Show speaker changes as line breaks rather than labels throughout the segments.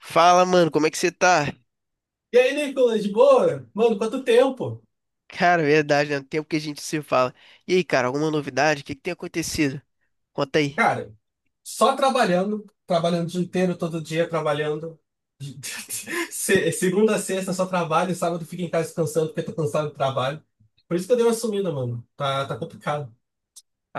Fala, mano, como é que você tá?
E aí, Nicolas, de boa? Mano, quanto tempo?
Cara, verdade, né? Tempo que a gente se fala. E aí, cara, alguma novidade? O que que tem acontecido? Conta aí.
Cara, só trabalhando, trabalhando o dia inteiro, todo dia trabalhando. Segunda a sexta só trabalho, sábado fico em casa descansando porque tô cansado do trabalho. Por isso que eu dei uma sumida, mano. Tá complicado.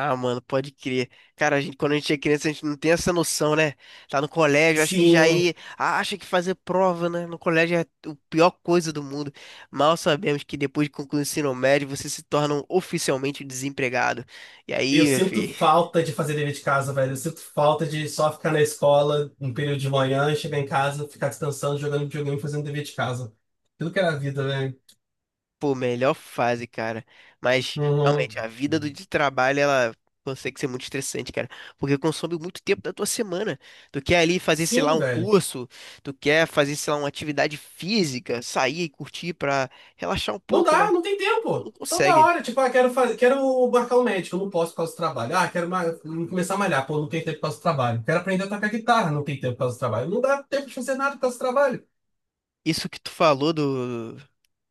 Ah, mano, pode crer. Cara, a gente, quando a gente é criança, a gente não tem essa noção, né? Tá no colégio, acho que já
Sim,
aí acha que fazer prova, né? No colégio é a pior coisa do mundo. Mal sabemos que depois de concluir o ensino médio você se torna um oficialmente desempregado. E
eu
aí, meu
sinto
filho,
falta de fazer dever de casa, velho. Eu sinto falta de só ficar na escola um período de manhã, chegar em casa, ficar descansando, jogando videogame, fazendo dever de casa. Aquilo que era a vida, velho.
pô, melhor fase, cara. Mas realmente a
Uhum.
vida do de trabalho ela consegue ser muito estressante, cara, porque consome muito tempo da tua semana. Tu quer ali fazer, sei lá,
Sim,
um
velho.
curso, tu quer fazer, sei lá, uma atividade física, sair e curtir pra relaxar um
Não
pouco,
dá,
né?
não tem
Tu não
tempo. Toda
consegue.
hora, tipo, ah, quero fazer, quero marcar um médico, não posso por causa do trabalho. Ah, começar a malhar, pô, não tem tempo por causa do trabalho. Quero aprender a tocar guitarra, não tem tempo por causa do trabalho. Não dá tempo de fazer nada por causa do trabalho.
Isso que tu falou do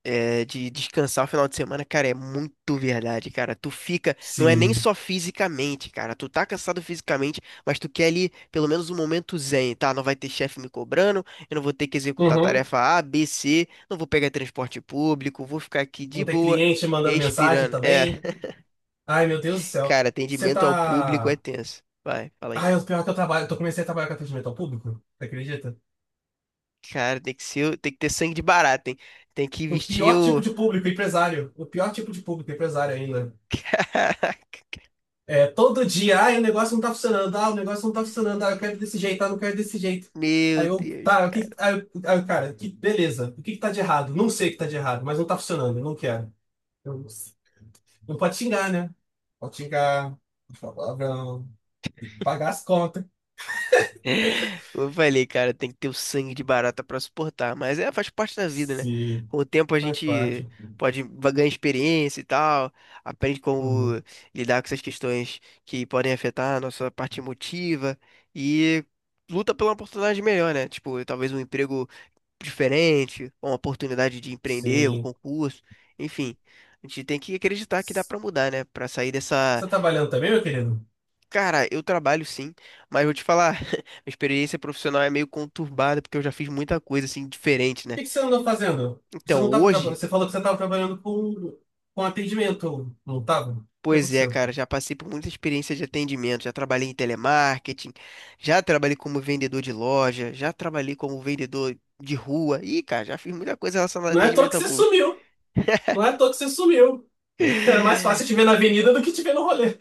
é, de descansar o final de semana, cara, é muito verdade, cara. Tu fica, não é nem
Sim.
só fisicamente, cara. Tu tá cansado fisicamente, mas tu quer ali pelo menos um momento zen, tá? Não vai ter chefe me cobrando, eu não vou ter que executar
Uhum.
tarefa A, B, C, não vou pegar transporte público, vou ficar aqui de
Não tem
boa,
cliente mandando mensagem
respirando. É,
também. Ai, meu Deus do céu.
cara,
Você
atendimento ao público é
tá.
tenso. Vai, fala aí.
Ai, o pior que eu trabalho, eu comecei a trabalhar com atendimento ao público, você acredita?
Cara, tem que ser, tem que ter sangue de barata, hein? Tem que
O
vestir
pior tipo
o.
de público, empresário. O pior tipo de público, empresário ainda.
Caraca,
É, todo dia, ai, o negócio não tá funcionando, ah, o negócio não tá funcionando, ah, eu quero desse jeito, ah, não quero desse jeito. Aí
meu
eu,
Deus,
tá, o que, aí, aí eu, cara, que, beleza, o que que tá de errado? Não sei o que tá de errado, mas não tá funcionando, eu não quero. Eu- não pode xingar, né? Pode xingar, pode falar palavrão, tem que pagar as contas.
Como eu falei, cara, tem que ter o sangue de barata pra suportar, mas é, faz parte da vida, né?
Sim,
Com o tempo a
faz parte.
gente pode ganhar experiência e tal, aprende como
Uhum.
lidar com essas questões que podem afetar a nossa parte emotiva e luta pela oportunidade melhor, né? Tipo, talvez um emprego diferente, ou uma oportunidade de empreender, um
Sim.
concurso, enfim. A gente tem que acreditar que dá
Você
pra mudar, né? Pra sair dessa.
tá trabalhando também, meu querido? O
Cara, eu trabalho sim, mas vou te falar, minha experiência profissional é meio conturbada porque eu já fiz muita coisa assim diferente, né?
que que você andou fazendo? Você
Então,
não tava,
hoje,
você falou que você estava trabalhando com atendimento, não estava? O que
pois é,
aconteceu?
cara, já passei por muita experiência de atendimento, já trabalhei em telemarketing, já trabalhei como vendedor de loja, já trabalhei como vendedor de rua. Ih, cara, já fiz muita coisa relacionada a
Não é à toa
atendimento
que
ao
você
público.
sumiu. Não é à toa que você sumiu. Era mais fácil te ver na avenida do que te ver no rolê.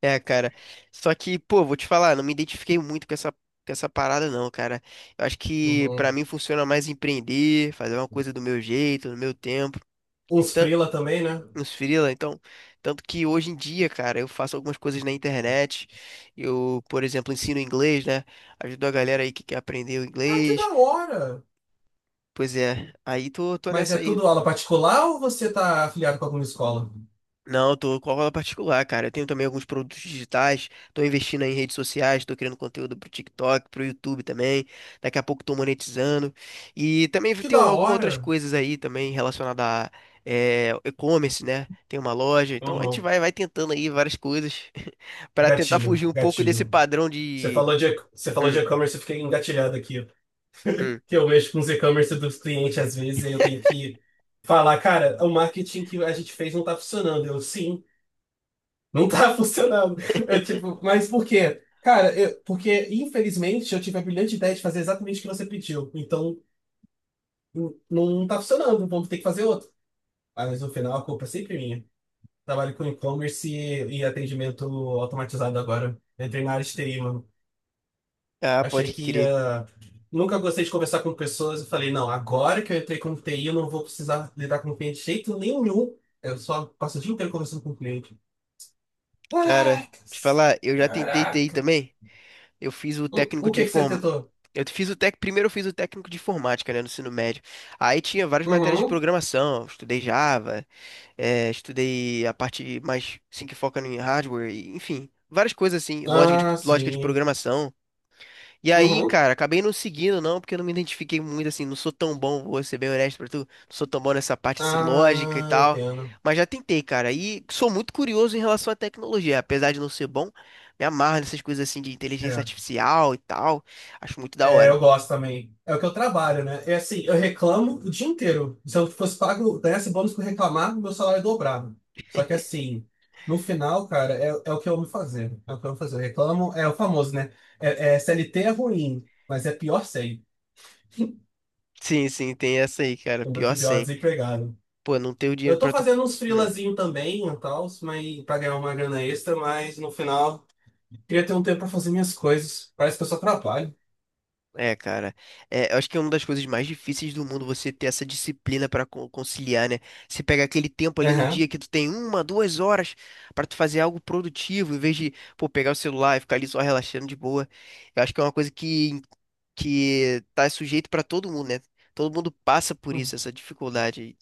É, cara. Só que, pô, vou te falar, não me identifiquei muito com essa parada, não, cara. Eu acho que pra
Uhum.
mim funciona mais empreender, fazer uma coisa do meu jeito, no meu tempo.
Uns
Tan-
frila também, né?
Nos freela, então. Tanto que hoje em dia, cara, eu faço algumas coisas na internet. Eu, por exemplo, ensino inglês, né? Ajudo a galera aí que quer aprender o
Ah, que da
inglês.
hora!
Pois é, aí tô
Mas
nessa
é
aí.
tudo aula particular ou você tá afiliado com alguma escola?
Não, eu tô com aula particular, cara. Eu tenho também alguns produtos digitais, tô investindo aí em redes sociais, tô criando conteúdo pro TikTok, pro YouTube também. Daqui a pouco tô monetizando. E também
Que
tem
da
algumas outras
hora!
coisas aí também relacionadas a e-commerce, né? Tem uma loja. Então a gente
Uhum.
vai tentando aí várias coisas para tentar
Gatilho,
fugir um pouco desse
gatilho.
padrão
Você
de.
falou de, você falou de
Hum,
e-commerce, eu fiquei engatilhado aqui.
hum.
Que eu mexo com os e-commerce dos clientes às vezes e eu tenho que falar, cara, o marketing que a gente fez não tá funcionando. Eu, sim. Não tá funcionando. É tipo, mas por quê? Cara, porque infelizmente eu tive a brilhante ideia de fazer exatamente o que você pediu. Então não tá funcionando, vamos ter que fazer outro. Ah, mas no final a culpa é sempre minha. Trabalho com e-commerce e atendimento automatizado agora. Entrei na área de TI, mano.
Ah,
Achei
pode
que
crer.
ia. Nunca gostei de conversar com pessoas. Eu falei, não, agora que eu entrei com TI, eu não vou precisar lidar com cliente de jeito nenhum. Eu só passo o dia inteiro conversando com o cliente.
Cara,
Ai,
te falar, eu já tentei TI
caraca!
também. Eu fiz o
O,
técnico
o
de
que que você
inform...
tentou?
Eu fiz o tec... Primeiro eu fiz o técnico de informática, né, no ensino médio. Aí tinha várias matérias de
Uhum.
programação, estudei Java, estudei a parte mais, assim, que foca em hardware, e, enfim, várias coisas assim, lógica de,
Ah,
lógica de
sim.
programação. E aí,
Uhum.
cara, acabei não seguindo, não, porque eu não me identifiquei muito, assim, não sou tão bom, vou ser bem honesto pra tu, não sou tão bom nessa parte, assim, lógica e
Ah,
tal,
entendo.
mas já tentei, cara, e sou muito curioso em relação à tecnologia, apesar de não ser bom, me amarro nessas coisas, assim, de inteligência
É.
artificial e tal, acho muito da
É, eu
hora.
gosto também. É o que eu trabalho, né? É assim, eu reclamo o dia inteiro. Se eu fosse pago, ganhasse bônus por reclamar, meu salário dobrava. Só que assim, no final, cara, é o que eu amo fazer. É o que eu amo fazer. Eu reclamo, é o famoso, né? CLT é ruim, mas é pior sem.
Sim, sim, tem essa aí, cara,
O meu
pior
pior
sem.
desempregado.
Pô, não ter o
Eu
dinheiro
tô
pra tu...
fazendo uns
Hum.
freelazinho também e tal, mas pra ganhar uma grana extra, mas no final. Queria ter um tempo pra fazer minhas coisas. Parece que eu só trabalho.
É, cara, é, eu acho que é uma das coisas mais difíceis do mundo você ter essa disciplina para conciliar, né? Você pega aquele tempo ali no
Aham.
dia que tu tem uma, 2 horas para tu fazer algo produtivo, em vez de, pô, pegar o celular e ficar ali só relaxando de boa. Eu acho que é uma coisa que tá sujeito para todo mundo, né? Todo mundo passa por isso, essa dificuldade aí.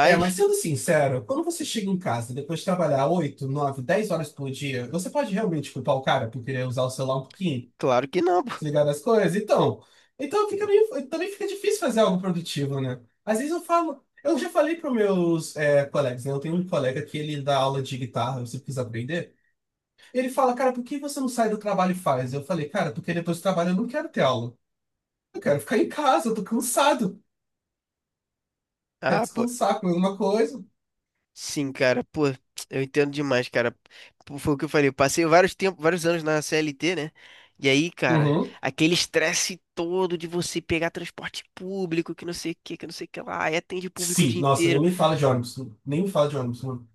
É, mas sendo sincero, quando você chega em casa depois de trabalhar 8 9 10 horas por dia, você pode realmente culpar o cara por querer usar o celular um pouquinho,
claro que não, pô.
desligar das coisas? Então, então fica meio, também fica difícil fazer algo produtivo, né? Às vezes eu já falei para meus colegas, né? Eu tenho um colega que ele dá aula de guitarra, eu sempre quis aprender. Ele fala, cara, por que você não sai do trabalho e faz? Eu falei, cara, porque depois do trabalho eu não quero ter aula. Eu quero ficar em casa, eu tô cansado. Quer
Ah, pô.
descansar, comer alguma coisa.
Sim, cara, pô, eu entendo demais, cara. Pô, foi o que eu falei, eu passei vários tempos, vários anos na CLT, né? E aí, cara,
Uhum.
aquele estresse todo de você pegar transporte público, que não sei o que, que não sei o que lá, e atende público o
Sim,
dia
nossa,
inteiro.
nem me fala de ônibus. Nem me fala de ônibus, mano.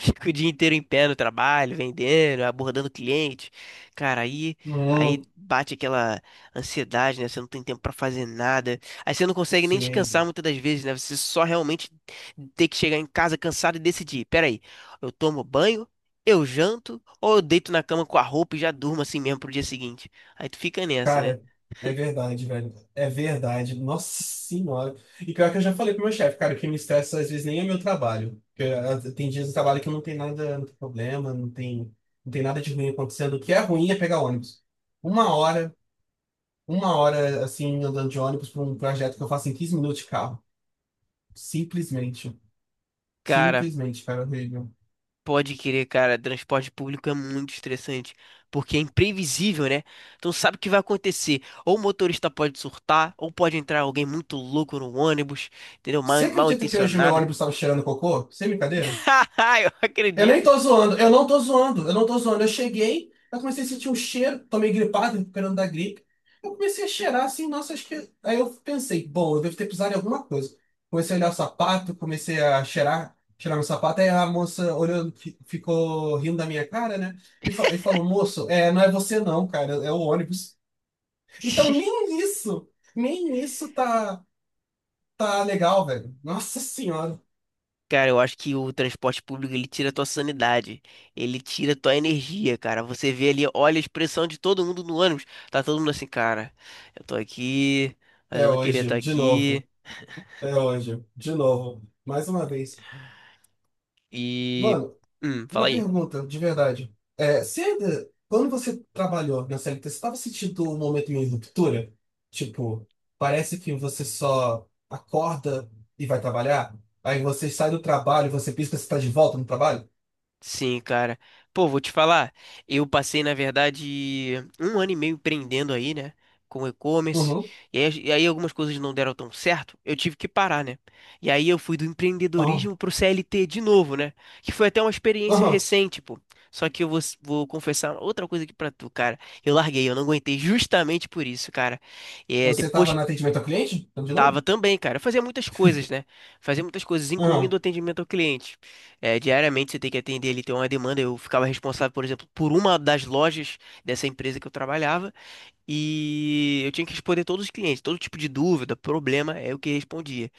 Fico o dia inteiro em pé no trabalho, vendendo, abordando cliente. Cara, aí,
Hum,
aí bate aquela ansiedade, né? Você não tem tempo pra fazer nada. Aí você não consegue nem descansar
sim.
muitas das vezes, né? Você só realmente tem que chegar em casa cansado e decidir. Peraí, eu tomo banho, eu janto, ou eu deito na cama com a roupa e já durmo assim mesmo pro dia seguinte. Aí tu fica nessa, né?
Cara, é verdade, velho. É verdade. Nossa senhora. E pior que eu já falei pro meu chefe, cara, o que me estressa às vezes nem é meu trabalho. Porque, ah, tem dias de trabalho que não tem nada, não tem problema, não tem nada de ruim acontecendo. O que é ruim é pegar ônibus. Uma hora, uma hora assim, andando de ônibus pra um projeto que eu faço em 15 minutos de carro. Simplesmente.
Cara,
Simplesmente, cara, horrível.
pode querer, cara. Transporte público é muito estressante, porque é imprevisível, né? Então sabe o que vai acontecer. Ou o motorista pode surtar, ou pode entrar alguém muito louco no ônibus, entendeu? Mal,
Você
mal
acredita que hoje meu
intencionado.
ônibus estava cheirando cocô? Sem brincadeira?
Haha, eu
Eu nem
acredito.
tô zoando, eu não tô zoando, eu não tô zoando. Eu cheguei, eu comecei a sentir um cheiro, tomei gripado, recuperando da gripe. Eu comecei a cheirar assim, nossa, acho que. Aí eu pensei, bom, eu devo ter pisado em alguma coisa. Comecei a olhar o sapato, comecei a cheirar, cheirar meu sapato. Aí a moça olhando, ficou rindo da minha cara, né? E falou, moço, não é você não, cara, é o ônibus. Então nem isso, nem isso tá legal, velho. Nossa senhora.
Cara, eu acho que o transporte público ele tira a tua sanidade, ele tira a tua energia, cara. Você vê ali, olha a expressão de todo mundo no ônibus. Tá todo mundo assim, cara, eu tô aqui, mas
É
eu não queria estar
hoje, de
aqui.
novo. É hoje, de novo. Mais uma vez.
E.
Mano,
Fala
uma
aí.
pergunta, de verdade. É, quando você trabalhou na CLT, você estava sentindo um momento de ruptura? Tipo, parece que você só acorda e vai trabalhar? Aí você sai do trabalho, você pisca, você está de volta no trabalho?
Sim, cara. Pô, vou te falar. Eu passei, na verdade, um ano e meio empreendendo aí, né? Com e-commerce.
Uhum.
E aí, algumas coisas não deram tão certo. Eu tive que parar, né? E aí eu fui do
Aham.
empreendedorismo pro CLT de novo, né? Que foi até uma experiência
Aham.
recente, pô. Só que eu vou confessar outra coisa aqui pra tu, cara. Eu larguei, eu não aguentei justamente por isso, cara. É,
Você estava
depois.
no atendimento ao cliente? Então, de
Tava
novo?
também, cara. Eu fazia muitas coisas, né? Fazia muitas coisas,
Aham.
incluindo o atendimento ao cliente. É, diariamente você tem que atender ele tem uma demanda. Eu ficava responsável, por exemplo, por uma das lojas dessa empresa que eu trabalhava. E eu tinha que responder todos os clientes, todo tipo de dúvida, problema é o que eu respondia.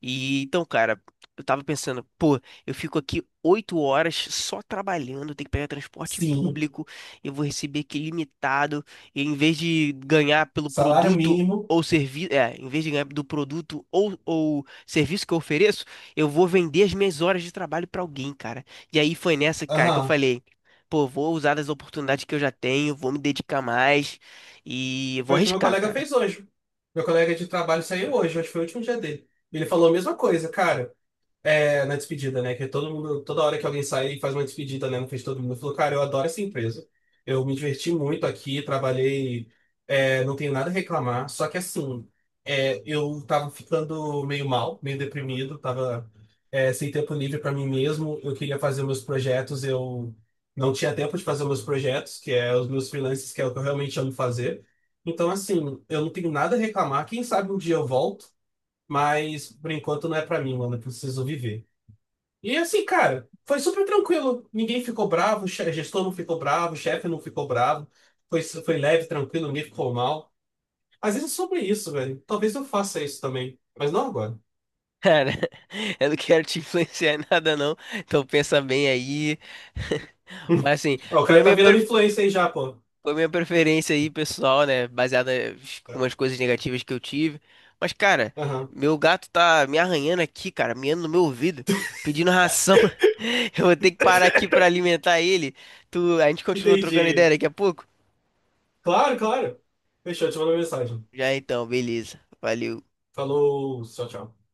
E então, cara, eu tava pensando, pô, eu fico aqui 8 horas só trabalhando, tenho que pegar transporte
Sim.
público, eu vou receber aqui limitado, e em vez de ganhar pelo
Salário
produto
mínimo?
ou serviço, é, em vez de ganhar do produto ou serviço que eu ofereço, eu vou vender as minhas horas de trabalho pra alguém, cara. E aí foi nessa, cara, que eu
Aham.
falei. Pô, vou usar das oportunidades que eu já tenho, vou me dedicar mais. E eu vou
Foi o que meu
arriscar,
colega
cara.
fez hoje. Meu colega de trabalho saiu hoje, hoje foi o último dia dele. Ele falou a mesma coisa, cara. É, na despedida, né? Que todo mundo, toda hora que alguém sai, faz uma despedida, né? Não fez todo mundo. Falou, cara, eu adoro essa empresa. Eu me diverti muito aqui, trabalhei, não tenho nada a reclamar. Só que assim, eu tava ficando meio mal, meio deprimido, tava, sem tempo livre para mim mesmo. Eu queria fazer meus projetos, eu não tinha tempo de fazer meus projetos, que é os meus freelances, que é o que eu realmente amo fazer. Então, assim, eu não tenho nada a reclamar. Quem sabe um dia eu volto, mas por enquanto não é para mim, mano. Eu preciso viver. E assim, cara, foi super tranquilo. Ninguém ficou bravo, gestor não ficou bravo, o chefe não ficou bravo. Foi leve, tranquilo, ninguém ficou mal. Às vezes é sobre isso, velho. Talvez eu faça isso também, mas não agora.
Cara, eu não quero te influenciar em nada, não. Então pensa bem aí. Mas assim,
Ó, o
foi a
cara tá
minha,
virando
pref-
influencer aí já, pô.
foi a minha preferência aí, pessoal, né? Baseada em umas coisas negativas que eu tive. Mas, cara,
Aham.
meu gato tá me arranhando aqui, cara, miando no meu ouvido, pedindo ração. Eu vou ter que parar aqui pra alimentar ele. Tu... A gente continua trocando ideia
Entendi.
daqui a pouco?
Claro, claro. Fechou, te mando uma mensagem.
Já então, beleza. Valeu.
Falou, tchau, tchau.